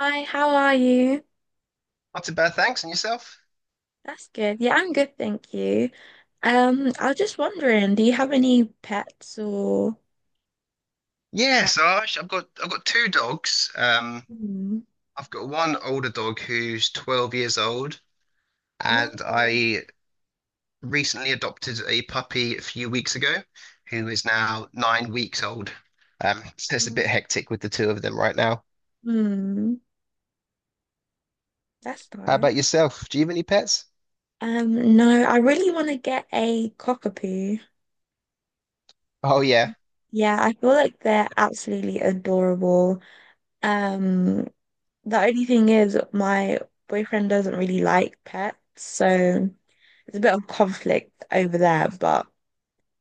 Hi, how are you? Not too bad, thanks. And yourself? That's good. Yeah, I'm good, thank you. I was just wondering, do you have any pets or Yeah, cats? so I've got two dogs. Hmm. I've got one older dog who's 12 years old, Ooh, and yeah. I recently adopted a puppy a few weeks ago, who is now 9 weeks old. So it's a bit Hmm. hectic with the two of them right now. Hmm. That's How nice. about yourself? Do you have any pets? No, I really want to get a cockapoo. Oh yeah, Yeah, I feel like they're absolutely adorable. Um, the only thing is my boyfriend doesn't really like pets, so there's a bit of conflict over there, but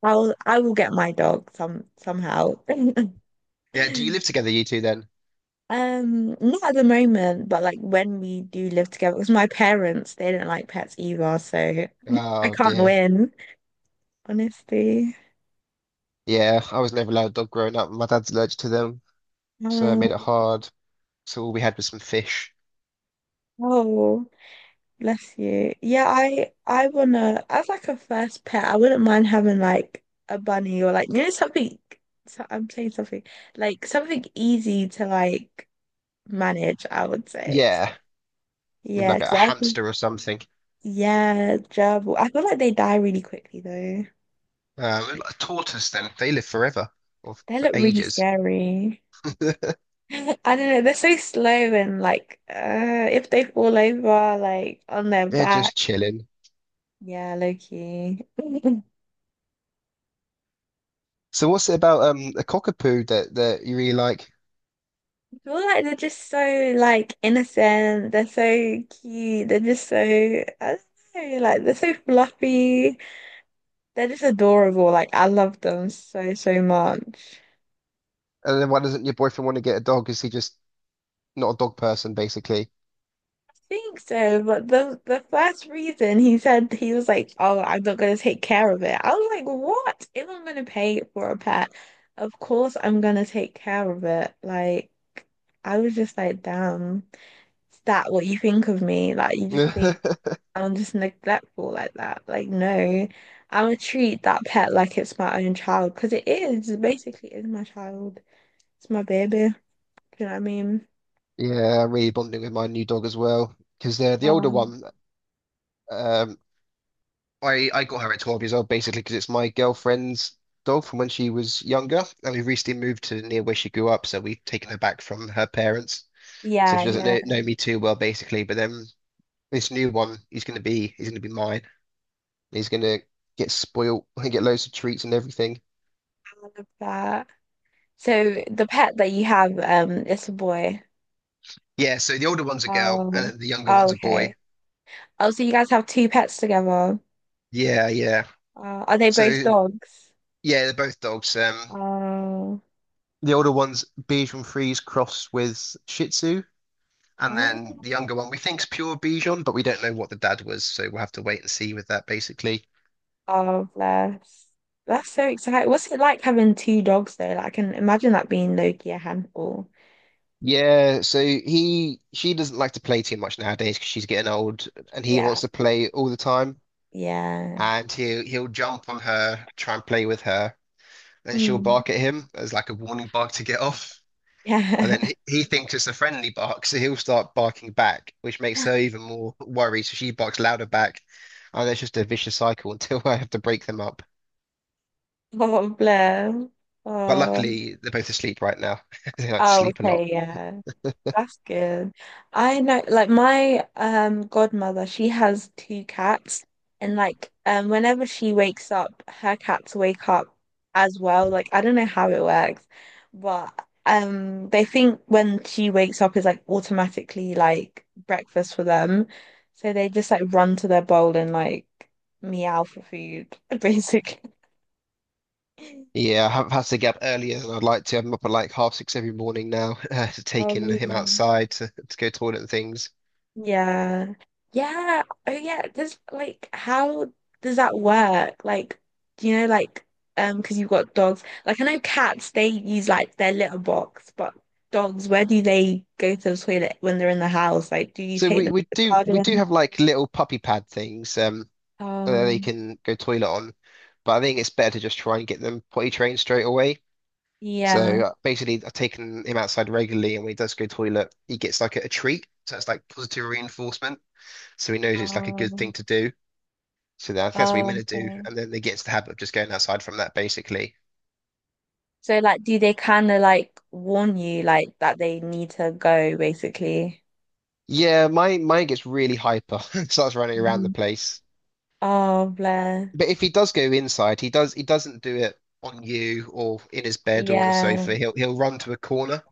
I will get my dog somehow. yeah. Do you live together, you two then? Not at the moment, but like when we do live together, because my parents they don't like pets either, so I Oh can't dear. win, honestly. Yeah, I was never allowed a dog growing up. My dad's allergic to them, so it made it Um, hard. So all we had was some fish. oh, bless you. Yeah, I wanna, as like a first pet, I wouldn't mind having like a bunny or like something. So I'm saying something like something easy to like manage, I would say. Yeah. Maybe Yeah, like a because. hamster or something. Yeah, gerbil. I feel like they die really quickly though. Maybe like a tortoise then. They live forever or They for look really ages. scary. They're I don't know, they're so slow and like if they fall over like on their back, just chilling. yeah, low key. I So what's it about a cockapoo that you really like? feel like they're just so like innocent, they're so cute, they're just so I don't know, like they're so fluffy. They're just adorable. Like I love them so so much. And then why doesn't your boyfriend want to get a dog? Is he just not a dog person basically? Think so, but the first reason he said he was like, "Oh, I'm not gonna take care of it." I was like, "What? If I'm gonna pay for a pet, of course I'm gonna take care of it." Like, I was just like, "Damn, is that what you think of me? Like, you just think I'm just neglectful like that? Like, no, I'm gonna treat that pet like it's my own child because it is, basically it's my child. It's my baby. Do you know what I mean?" Yeah, I'm really bonding with my new dog as well because the older Um, one, um, I got her at 12 years old basically because it's my girlfriend's dog from when she was younger, and we recently moved to near where she grew up, so we've taken her back from her parents. So yeah, she doesn't yeah, know me too well, basically. But then this new one, he's gonna be mine. He's gonna get spoiled and get loads of treats and everything. I love that. So the pet that you have, is a boy. Yeah, so the older one's a girl Oh, and the younger oh, one's a okay. boy. Oh, so you guys have two pets together. Yeah, yeah. Uh, are they So both dogs? yeah, they're both dogs. Oh, The older one's Bichon Frise crossed with Shih Tzu, and oh, then the younger one we think's pure Bichon, but we don't know what the dad was, so we'll have to wait and see with that basically. oh, bless. That's so exciting. What's it like having two dogs though? Like, I can imagine that being low a handful. Yeah, so he she doesn't like to play too much nowadays because she's getting old, and he Yeah, wants to play all the time. yeah, And he'll jump on her, try and play with her, then she'll mm. bark at him as like a warning bark to get off. And then Yeah. He thinks it's a friendly bark, so he'll start barking back, which makes her even more worried. So she barks louder back, and it's just a vicious cycle until I have to break them up. Oh, bless. But Oh, luckily, they're both asleep right now. They like to oh, sleep a lot. okay, yeah. That's good. I know, like my godmother, she has two cats, and like whenever she wakes up, her cats wake up as well. Like I don't know how it works, but they think when she wakes up is like automatically like breakfast for them, so they just like run to their bowl and like meow for food, basically. Yeah, I haven't passed the gap earlier than I'd like to. I'm up at like half six every morning now, to Oh, taking him really? outside to go toilet and things. Yeah. Yeah. Oh yeah. Just like how does that work? Like, do you know like because you've got dogs. Like I know cats they use like their litter box, but dogs, where do they go to the toilet when they're in the house? Like, do you So take them to the we do garden? have like little puppy pad things that they Oh, can go toilet on, but I think it's better to just try and get them potty trained straight away. So yeah. Basically, I've taken him outside regularly, and when he does go toilet, he gets like a treat. So it's like positive reinforcement. So he knows it's like a good Um, thing to do. So I think that's what we oh, meant to do, okay. and then they get into the habit of just going outside from that, basically. So like do they kind of like warn you like that they need to go basically? Yeah, my mine gets really hyper, starts running around the Mm. place. Oh, bless. But if he does go inside, he doesn't do it on you or in his bed or on a Yeah. sofa. He'll run to a corner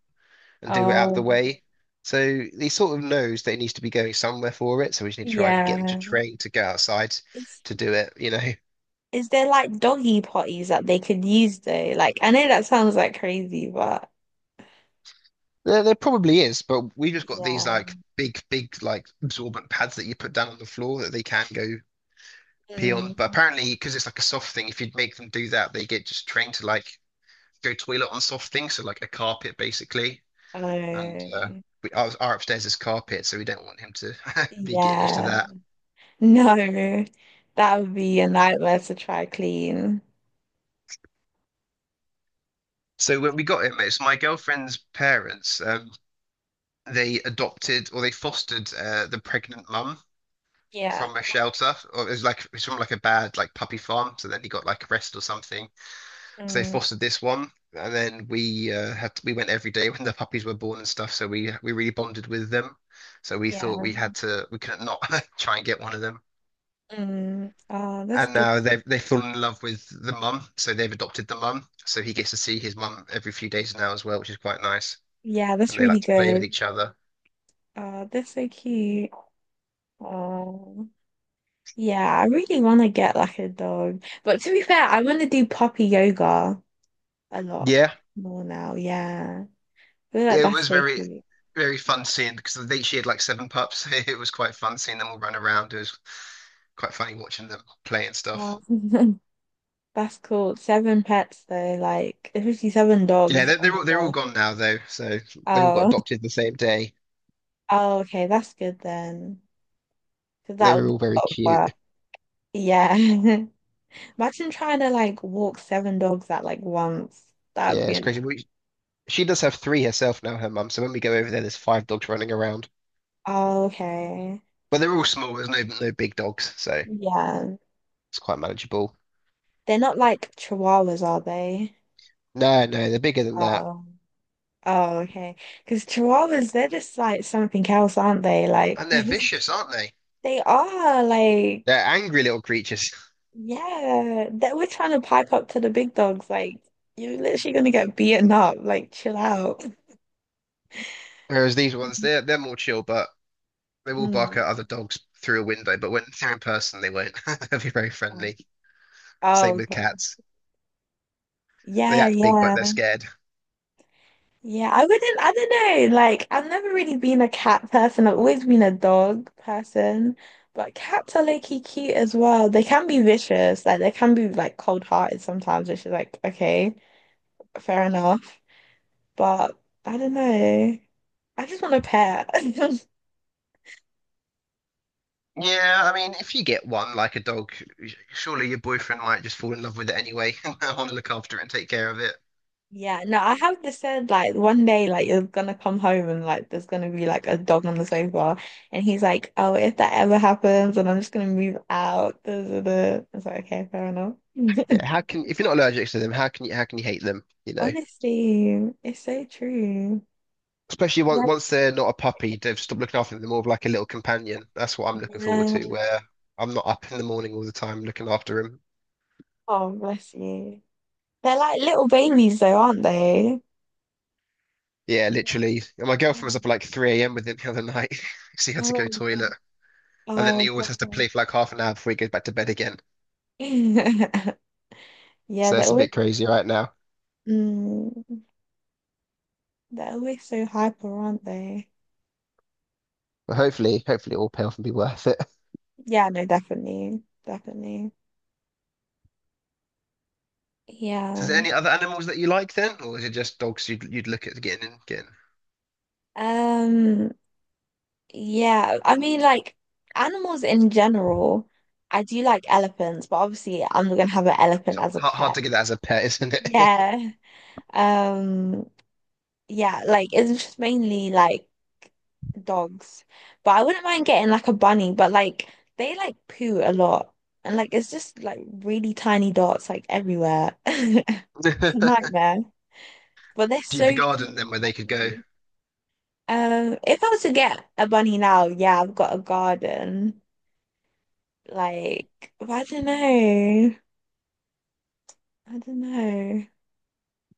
and do it out the Oh. way. So he sort of knows that he needs to be going somewhere for it. So we just need to try and get him to Yeah. train to go outside Is to do it, you know. is there like doggy potties that they could use though? Like I know that sounds like crazy, but There probably is, but we just got these yeah. like big like absorbent pads that you put down on the floor that they can go pee on. Mm. But apparently, because it's like a soft thing, if you'd make them do that, they get just trained to like go toilet on soft things, so like a carpet basically. And Oh. Our upstairs is carpet, so we don't want him to be getting used to Yeah. that. No. That would be a nightmare to try clean. So when we got him. It's my girlfriend's parents. They adopted or they fostered the pregnant mum Yeah. from a shelter, or it was like it was from like a bad like puppy farm. So then he got like arrested or something. So they Mm. fostered this one, and then we we went every day when the puppies were born and stuff. So we really bonded with them. So we thought Yeah. we had to we couldn't not try and get one of them. Mm. Oh, that's And good. now they've fallen in love with the mum, so they've adopted the mum. So he gets to see his mum every few days now as well, which is quite nice. Yeah, that's And they really like to play with good. each other. Oh, that's so cute. Oh. Yeah, I really want to get like a dog. But to be fair, I want to do puppy yoga a lot Yeah, more now. Yeah, I feel like it that's was so cute. very fun seeing because I think she had like seven pups. It was quite fun seeing them all run around. It was quite funny watching them play and Oh, stuff. that's cool. Seven pets though, like 57 Yeah, dogs. Oh my they're all God. gone now though, so they all got Oh, adopted the same day. oh, okay, that's good then, because that They would were be all a very lot of cute. work. Yeah, imagine trying to like walk seven dogs at like once. That would Yeah, be it's an. crazy. She does have three herself now, her mum. So when we go over there, there's five dogs running around. Oh, okay. Well, they're all small. There's no big dogs, so Yeah, it's quite manageable. they're not like chihuahuas, are they? No, no, they're bigger than that, Oh, oh, okay. Because chihuahuas, they're just like something else, aren't they? Like and they're they're just. vicious, aren't they? They are like, They're angry little creatures. yeah, that we're trying to pipe up to the big dogs. Like, you're literally gonna get beaten up. Like, chill out. Whereas these ones, they're more chill, but they will bark Mm. at other dogs through a window. But when they're in person, they won't. They'll be very friendly. Oh, Same with okay. cats. They Yeah, act big, but they're yeah. scared. Yeah, I wouldn't, I don't know. Like, I've never really been a cat person. I've always been a dog person. But cats are low-key cute as well. They can be vicious. Like, they can be, like, cold-hearted sometimes, which is like, okay, fair enough. But I don't know. I just want a pet. Yeah, I mean, if you get one like a dog, surely your boyfriend might just fall in love with it anyway and want to look after it and take care of it. Yeah, no, I have just said like one day like you're gonna come home and like there's gonna be like a dog on the sofa and he's like, "Oh, if that ever happens and I'm just gonna move out. Da, da, da." It's like okay, fair enough. Yeah, how can if you're not allergic to them, how can you hate them, you know? Honestly, it's so true. Especially That once they're not a puppy, they've stopped looking after them. They're more of like a little companion. That's what I'm looking forward to, yeah. where I'm not up in the morning all the time looking after him. Oh, bless you. They're like little babies though, aren't they? Yeah, Yeah. literally. And my girlfriend was up Yeah. at like 3 a.m. with him the other night because he had to Oh, go my God. toilet. And then Oh, he always bless has to them. play for like half an hour before he goes back to bed again. Yeah, So they're that's a always bit crazy right now. mm, they're always so hyper, aren't they? But hopefully it will pay off and be worth it. Yeah, no, definitely. Definitely. So is there Yeah. any other animals that you like then? Or is it just dogs you'd look at getting getting? Um, yeah, I mean like animals in general, I do like elephants, but obviously I'm not gonna have an It's elephant as a hard pet. to get that as a pet, isn't it? Yeah. Um, yeah, like it's just mainly like dogs. But I wouldn't mind getting like a bunny, but like they like poo a lot. And like it's just like really tiny dots like everywhere. Do It's a nightmare. But they're you have so a garden cute then and where they could go? fluffy. If I was to get a bunny now, yeah, I've got a garden. Like, but I don't know. I don't know.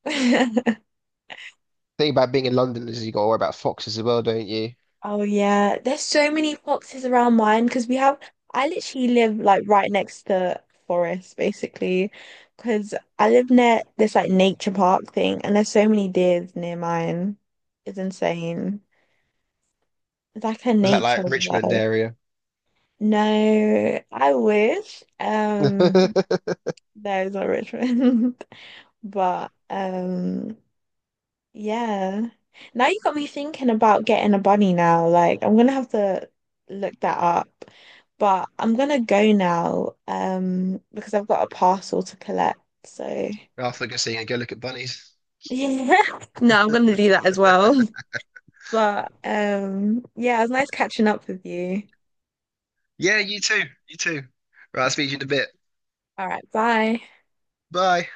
Thing about being in London is you got to worry about foxes as well, don't you? Oh yeah, there's so many foxes around mine because we have. I literally live like right next to forest, basically, because I live near this like nature park thing, and there's so many deers near mine. It's insane. It's like a Was that like nature Richmond world. area? No, I wish. There's a Richmond. But yeah. Now you got me thinking about getting a bunny now. Like I'm gonna have to look that up. But I'm gonna go now, because I've got a parcel to collect. So After go see and go look at bunnies. yeah. No, I'm gonna do that as well. But yeah, it was nice catching up with you. Yeah, you too. You too. Right, I'll speak to you in a bit. All right, bye. Bye.